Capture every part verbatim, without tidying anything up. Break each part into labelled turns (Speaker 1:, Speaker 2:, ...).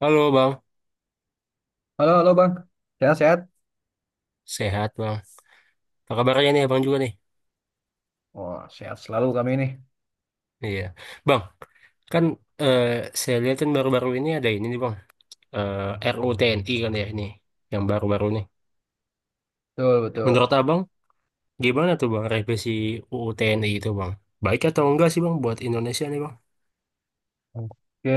Speaker 1: Halo Bang,
Speaker 2: Halo, halo Bang. Sehat-sehat?
Speaker 1: sehat Bang. Apa kabarnya nih Abang juga nih?
Speaker 2: Wah, sehat selalu kami ini.
Speaker 1: Iya. Bang, kan eh, saya lihat kan baru-baru ini ada ini nih Bang, eh, R U U T N I kan ya ini, yang baru-baru nih.
Speaker 2: Betul,
Speaker 1: Menurut
Speaker 2: betul.
Speaker 1: Abang, gimana tuh Bang revisi U U T N I itu Bang? Baik atau enggak sih Bang buat Indonesia nih Bang?
Speaker 2: Oke,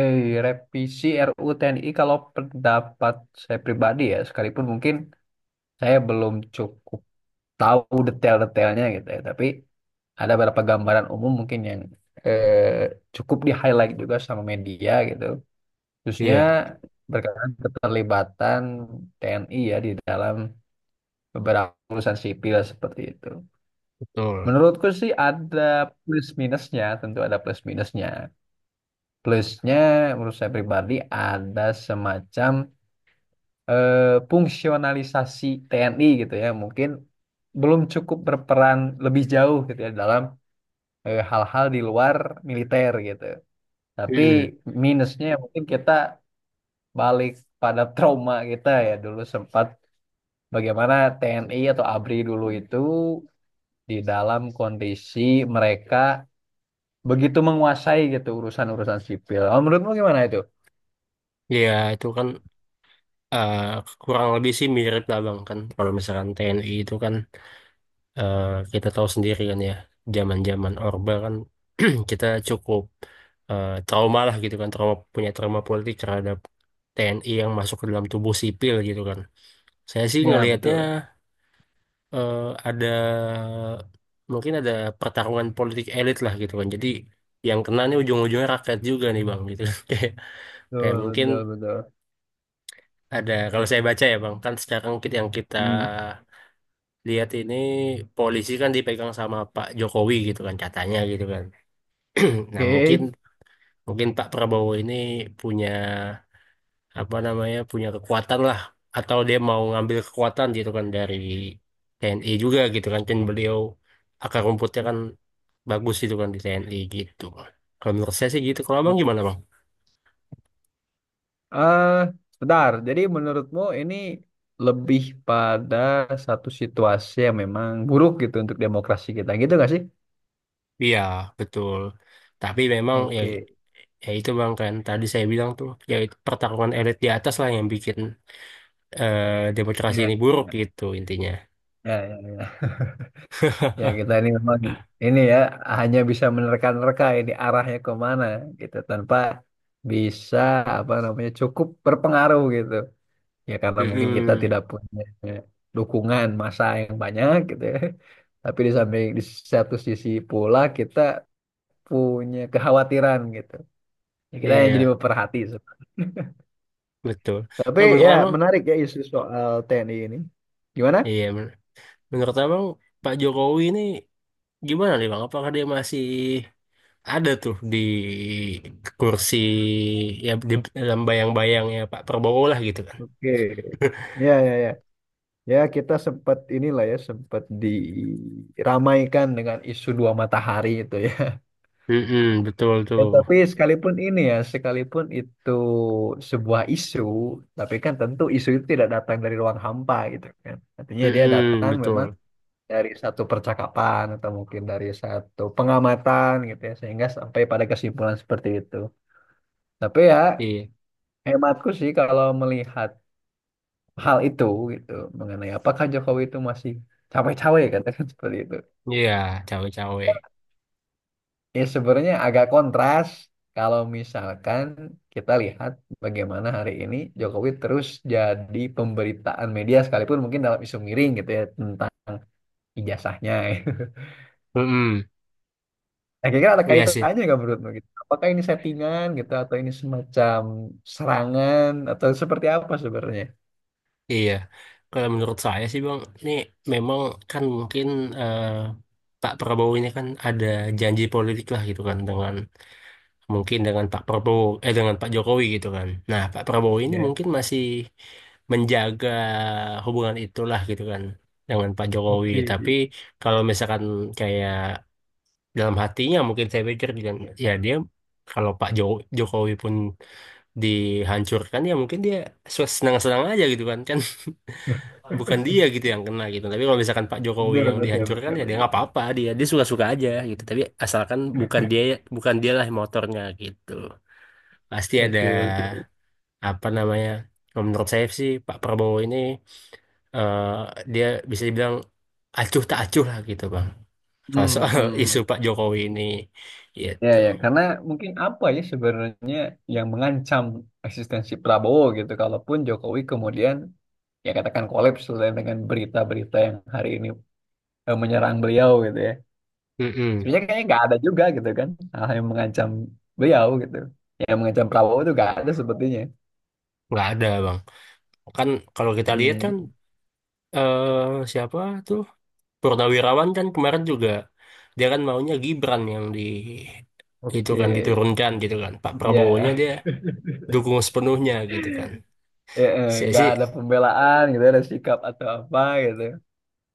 Speaker 2: revisi R U U T N I kalau pendapat saya pribadi ya, sekalipun mungkin saya belum cukup tahu detail-detailnya gitu ya, tapi ada beberapa gambaran umum mungkin yang eh, cukup di-highlight juga sama media gitu. Khususnya
Speaker 1: Iya,
Speaker 2: berkaitan keterlibatan T N I ya di dalam beberapa urusan sipil seperti itu.
Speaker 1: betul.
Speaker 2: Menurutku sih ada plus minusnya, tentu ada plus minusnya. Plusnya menurut saya pribadi ada semacam eh, fungsionalisasi T N I gitu ya, mungkin belum cukup berperan lebih jauh gitu ya dalam eh, hal-hal di luar militer gitu. Tapi
Speaker 1: Hmm.
Speaker 2: minusnya ya mungkin kita balik pada trauma kita ya dulu sempat bagaimana T N I atau ABRI dulu itu di dalam kondisi mereka begitu menguasai gitu urusan-urusan sipil. Oh, menurutmu gimana itu?
Speaker 1: Iya, itu kan eh, kurang lebih sih mirip lah Bang kan. Kalau misalkan T N I itu kan eh, kita tahu sendiri kan ya, zaman-zaman Orba kan kita cukup eh, trauma lah gitu kan, trauma punya trauma politik terhadap T N I yang masuk ke dalam tubuh sipil gitu kan. Saya sih
Speaker 2: Ya,
Speaker 1: ngelihatnya
Speaker 2: betul.
Speaker 1: eh, ada mungkin ada pertarungan politik elit lah gitu kan. Jadi yang kena nih ujung-ujungnya rakyat juga nih bang gitu. Kayak kayak
Speaker 2: Betul,
Speaker 1: mungkin
Speaker 2: betul, betul.
Speaker 1: ada kalau saya baca ya bang kan sekarang kita yang kita
Speaker 2: Hmm.
Speaker 1: lihat ini polisi kan dipegang sama Pak Jokowi gitu kan katanya gitu kan. Hmm, nah, mungkin
Speaker 2: Oke.
Speaker 1: mungkin Pak Prabowo ini punya apa namanya punya kekuatan lah atau dia mau ngambil kekuatan gitu kan dari T N I juga gitu kan kan beliau akar rumputnya kan bagus gitu kan di T N I gitu. Kalau menurut saya sih gitu. Kalau
Speaker 2: Oh,
Speaker 1: Abang gimana Bang?
Speaker 2: eh, sebentar. Jadi menurutmu ini lebih pada satu situasi yang memang buruk gitu untuk demokrasi kita. Gitu gak sih?
Speaker 1: Iya, betul. Tapi memang ya
Speaker 2: Oke.
Speaker 1: ya itu Bang kan tadi saya bilang tuh ya itu pertarungan elit di atas lah yang bikin eh, demokrasi
Speaker 2: Ya,
Speaker 1: ini buruk gitu intinya.
Speaker 2: ya, ya, ya. Ya, ya, kita ini memang ini ya hanya bisa menerka-nerka ini arahnya kemana gitu tanpa bisa apa namanya cukup berpengaruh gitu. Ya karena mungkin kita
Speaker 1: Mm-mm.
Speaker 2: tidak punya dukungan massa yang banyak gitu ya. Tapi di samping di satu sisi pula kita punya kekhawatiran gitu. Ya, kita yang jadi
Speaker 1: Iya,
Speaker 2: pemerhati.
Speaker 1: betul.
Speaker 2: Tapi
Speaker 1: Kalau menurut
Speaker 2: ya
Speaker 1: Abang
Speaker 2: menarik ya isu soal T N I ini. Gimana?
Speaker 1: iya, menurut abang Pak Jokowi ini gimana nih bang? Apakah dia masih ada tuh di kursi ya di dalam bayang-bayangnya Pak Prabowo lah gitu kan?
Speaker 2: Oke. Ya, ya, ya. Ya kita sempat inilah ya sempat diramaikan dengan isu dua matahari itu ya.
Speaker 1: Mm-mm, betul
Speaker 2: Ya,
Speaker 1: tuh.
Speaker 2: tapi sekalipun ini ya, sekalipun itu sebuah isu, tapi kan tentu isu itu tidak datang dari ruang hampa gitu kan. Artinya dia
Speaker 1: Mm-mm,
Speaker 2: datang memang
Speaker 1: betul.
Speaker 2: dari satu percakapan atau mungkin dari satu pengamatan gitu ya, sehingga sampai pada kesimpulan seperti itu. Tapi ya
Speaker 1: Iya,
Speaker 2: hematku sih kalau melihat hal itu gitu mengenai apakah Jokowi itu masih cawe-cawe katakan seperti itu.
Speaker 1: iya, cawe-cawe.
Speaker 2: Ya sebenarnya agak kontras kalau misalkan kita lihat bagaimana hari ini Jokowi terus jadi pemberitaan media sekalipun mungkin dalam isu miring gitu ya tentang ijazahnya.
Speaker 1: Mm-mm,
Speaker 2: Nah, kira-kira ada
Speaker 1: iya sih.
Speaker 2: kaitannya nggak menurutmu gitu? Apakah ini settingan gitu atau ini semacam serangan atau seperti apa sebenarnya?
Speaker 1: Iya. Kalau menurut saya sih bang, ini memang kan mungkin eh, Pak Prabowo ini kan ada janji politik lah gitu kan dengan mungkin dengan Pak Prabowo eh dengan Pak Jokowi gitu kan. Nah, Pak Prabowo ini
Speaker 2: Ya,
Speaker 1: mungkin masih menjaga hubungan itulah gitu kan dengan Pak Jokowi.
Speaker 2: oke.
Speaker 1: Tapi kalau misalkan kayak dalam hatinya mungkin saya pikir juga ya dia kalau Pak Jo- Jokowi pun dihancurkan ya mungkin dia senang-senang aja gitu kan kan bukan dia gitu yang kena gitu. Tapi kalau misalkan Pak Jokowi
Speaker 2: Betul,
Speaker 1: yang
Speaker 2: betul,
Speaker 1: dihancurkan ya
Speaker 2: betul,
Speaker 1: dia nggak
Speaker 2: betul.
Speaker 1: apa-apa dia dia suka-suka aja gitu. Tapi asalkan bukan dia bukan dialah motornya gitu pasti ada
Speaker 2: Oke, oke.
Speaker 1: apa namanya kalau menurut saya sih Pak Prabowo ini eh, dia bisa dibilang acuh tak acuh lah gitu bang kalau
Speaker 2: Hmm,
Speaker 1: soal
Speaker 2: hmm,
Speaker 1: isu
Speaker 2: hmm.
Speaker 1: Pak Jokowi ini
Speaker 2: Ya,
Speaker 1: gitu.
Speaker 2: ya, karena mungkin apa ya sebenarnya yang mengancam eksistensi Prabowo gitu, kalaupun Jokowi kemudian ya katakan kolaps lah dengan berita-berita yang hari ini eh, menyerang beliau gitu ya.
Speaker 1: Mm-mm.
Speaker 2: Sebenarnya kayaknya nggak ada juga gitu kan hal yang mengancam beliau gitu, yang mengancam Prabowo itu nggak ada sepertinya.
Speaker 1: Nggak ada bang kan kalau kita lihat kan
Speaker 2: Hmm,
Speaker 1: eh, siapa tuh Purnawirawan kan kemarin juga dia kan maunya Gibran yang di itu
Speaker 2: oke,
Speaker 1: kan diturunkan gitu kan Pak Prabowonya
Speaker 2: ya,
Speaker 1: dia dukung sepenuhnya gitu kan
Speaker 2: ya, eh,
Speaker 1: saya
Speaker 2: nggak
Speaker 1: sih
Speaker 2: ada pembelaan gitu, ada sikap atau apa gitu.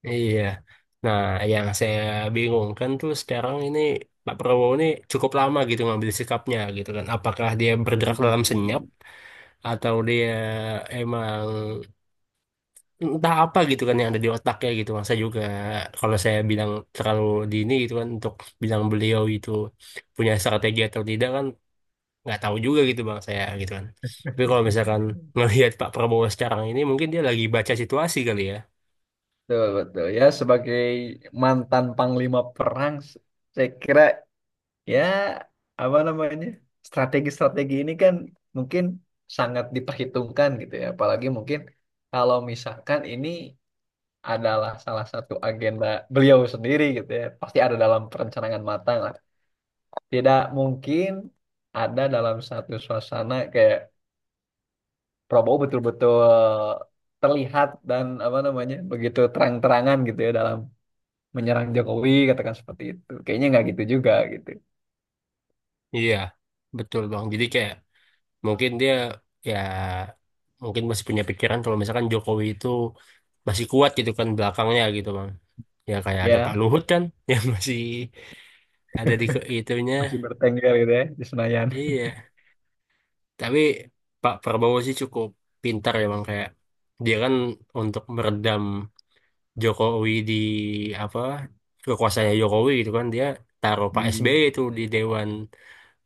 Speaker 1: iya. Nah, yang saya bingungkan tuh sekarang ini Pak Prabowo ini cukup lama gitu ngambil sikapnya gitu kan. Apakah dia bergerak dalam senyap
Speaker 2: Hmm.
Speaker 1: atau dia emang entah apa gitu kan yang ada di otaknya gitu. Masa juga kalau saya bilang terlalu dini gitu kan untuk bilang beliau itu punya strategi atau tidak kan nggak tahu juga gitu bang saya gitu kan. Tapi kalau misalkan ngelihat Pak Prabowo sekarang ini mungkin dia lagi baca situasi kali ya.
Speaker 2: Betul, betul. Ya, sebagai mantan panglima perang, s- saya kira ya apa namanya strategi-strategi ini kan mungkin sangat diperhitungkan gitu ya. Apalagi mungkin kalau misalkan ini adalah salah satu agenda beliau sendiri gitu ya, pasti ada dalam perencanaan matang lah. Tidak mungkin ada dalam satu suasana kayak Prabowo betul-betul terlihat dan apa namanya begitu terang-terangan gitu ya dalam menyerang Jokowi katakan seperti itu kayaknya nggak gitu juga gitu
Speaker 1: Iya. Betul bang. Jadi kayak mungkin dia ya mungkin masih punya pikiran kalau misalkan Jokowi itu masih kuat gitu kan belakangnya gitu bang. Ya kayak ada Pak
Speaker 2: ya
Speaker 1: Luhut kan yang masih ada di ke-
Speaker 2: masih
Speaker 1: itunya.
Speaker 2: bertengger gitu ya di Senayan.
Speaker 1: Iya. Tapi Pak Prabowo sih cukup pintar ya bang kayak dia kan untuk meredam Jokowi di apa kekuasaannya Jokowi gitu kan dia taruh Pak
Speaker 2: Hmm,
Speaker 1: S B Y itu di Dewan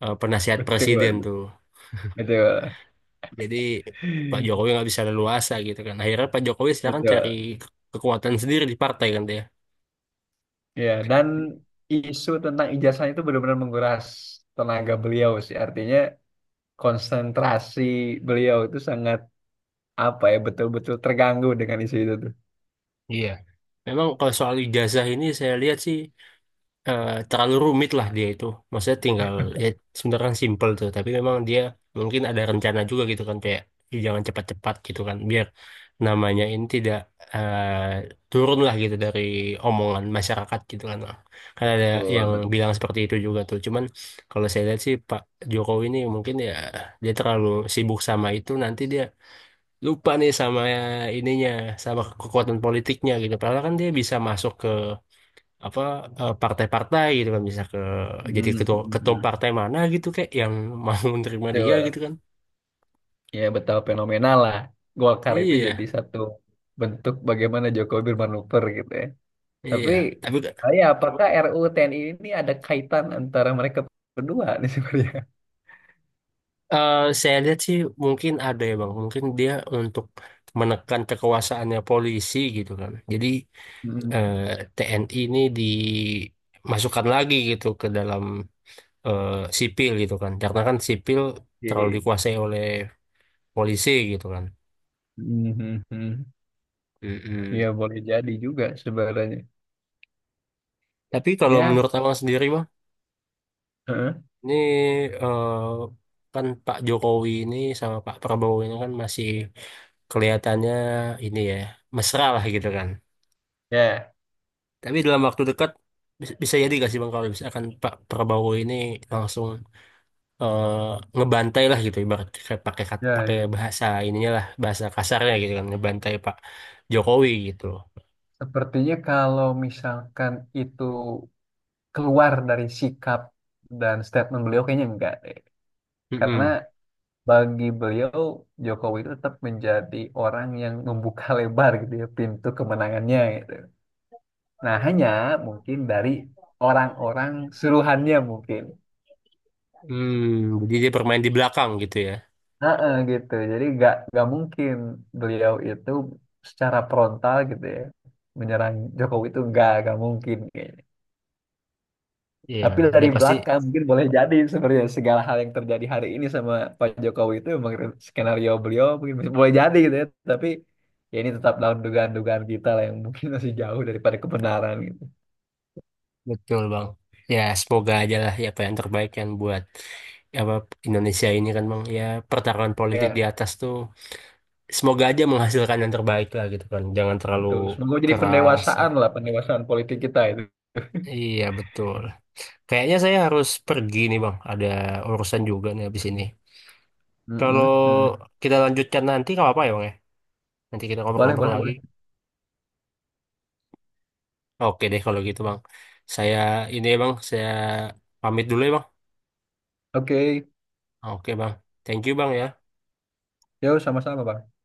Speaker 1: eh, Penasihat
Speaker 2: betul,
Speaker 1: Presiden tuh.
Speaker 2: betul,
Speaker 1: Jadi Pak Jokowi nggak bisa leluasa gitu kan. Akhirnya Pak Jokowi sekarang cari
Speaker 2: betul,
Speaker 1: ke- kekuatan sendiri di partai kan dia.
Speaker 2: ya dan isu tentang ijazah itu benar-benar menguras tenaga beliau sih artinya konsentrasi beliau itu sangat apa ya betul-betul terganggu dengan isu itu tuh.
Speaker 1: Iya. Memang kalau soal ijazah ini saya lihat sih eh, terlalu rumit lah dia itu. Maksudnya tinggal ya sebenarnya kan simple tuh, tapi memang dia mungkin ada rencana juga gitu kan kayak, "Ih, jangan cepat-cepat gitu kan biar namanya ini tidak eh, turun lah gitu dari omongan masyarakat gitu kan." Kan ada
Speaker 2: Betul,
Speaker 1: yang
Speaker 2: betul.
Speaker 1: bilang seperti itu juga tuh. Cuman kalau saya lihat sih Pak Jokowi ini mungkin ya dia terlalu sibuk sama itu nanti dia lupa nih sama ininya sama kekuatan politiknya gitu. Padahal kan dia bisa masuk ke apa eh, partai-partai gitu kan bisa ke jadi ketua ketua
Speaker 2: Hmm.
Speaker 1: partai mana gitu kayak yang mau menerima dia gitu
Speaker 2: Betul.
Speaker 1: kan
Speaker 2: Ya betapa fenomenal lah Golkar itu jadi
Speaker 1: iya
Speaker 2: satu bentuk bagaimana Jokowi bermanuver gitu ya. Tapi
Speaker 1: iya tapi
Speaker 2: saya apakah R U U T N I ini ada kaitan antara mereka berdua nih sebenarnya?
Speaker 1: eh, saya lihat sih mungkin ada ya bang mungkin dia untuk menekan kekuasaannya polisi gitu kan jadi
Speaker 2: Hmm,
Speaker 1: eh, T N I ini dimasukkan lagi gitu ke dalam eh, sipil gitu kan karena kan sipil terlalu
Speaker 2: oke.
Speaker 1: dikuasai oleh polisi gitu kan.
Speaker 2: Hmm, hmm, hmm. Ya
Speaker 1: Mm-mm.
Speaker 2: boleh jadi juga sebenarnya.
Speaker 1: Tapi kalau
Speaker 2: Ya,
Speaker 1: menurut abang sendiri
Speaker 2: heeh.
Speaker 1: ini eh, kan Pak Jokowi ini sama Pak Prabowo ini kan masih kelihatannya ini ya mesra lah gitu kan.
Speaker 2: Ya,
Speaker 1: Tapi dalam waktu dekat bis- bisa jadi gak sih Bang kalau misalkan Pak Prabowo ini langsung eh, ngebantai lah gitu ibarat kayak pakai kat-
Speaker 2: ya,
Speaker 1: pakai
Speaker 2: ya.
Speaker 1: bahasa ininya lah bahasa kasarnya gitu kan ngebantai Pak Jokowi gitu.
Speaker 2: Sepertinya kalau misalkan itu keluar dari sikap dan statement beliau kayaknya enggak deh. Karena
Speaker 1: Mm-mm.
Speaker 2: bagi beliau Jokowi itu tetap menjadi orang yang membuka lebar gitu ya pintu kemenangannya gitu. Nah, hanya mungkin dari orang-orang suruhannya mungkin.
Speaker 1: Hmm, jadi dia bermain di belakang gitu ya.
Speaker 2: Heeh, gitu. Jadi nggak nggak mungkin beliau itu secara frontal gitu ya menyerang Jokowi itu nggak nggak mungkin kayaknya.
Speaker 1: Iya,
Speaker 2: Tapi
Speaker 1: dia
Speaker 2: dari
Speaker 1: pasti
Speaker 2: belakang mungkin boleh jadi sebenarnya segala hal yang terjadi hari ini sama Pak Jokowi itu memang skenario beliau mungkin masih- boleh jadi gitu ya. Tapi ya ini tetap dalam dugaan-dugaan kita lah yang mungkin masih jauh daripada kebenaran gitu.
Speaker 1: betul bang. Ya semoga aja lah ya apa yang terbaik kan buat apa Indonesia ini kan bang. Ya pertarungan politik di
Speaker 2: Ya,
Speaker 1: atas tuh semoga aja menghasilkan yang terbaik lah gitu kan. Jangan terlalu
Speaker 2: betul. Semoga jadi
Speaker 1: keras.
Speaker 2: pendewasaan lah pendewasaan politik kita itu.
Speaker 1: Iya betul. Kayaknya saya harus pergi nih bang. Ada urusan juga nih habis ini. Kalau
Speaker 2: Mm-mm, mm-mm.
Speaker 1: kita lanjutkan nanti nggak apa-apa ya bang ya. Nanti kita
Speaker 2: Boleh,
Speaker 1: ngobrol-ngobrol
Speaker 2: boleh,
Speaker 1: lagi.
Speaker 2: boleh.
Speaker 1: Oke deh kalau gitu bang. Saya ini ya bang. Saya pamit dulu ya bang.
Speaker 2: Oke,
Speaker 1: Oke bang. Thank you bang ya.
Speaker 2: yuk, sama-sama, Bang.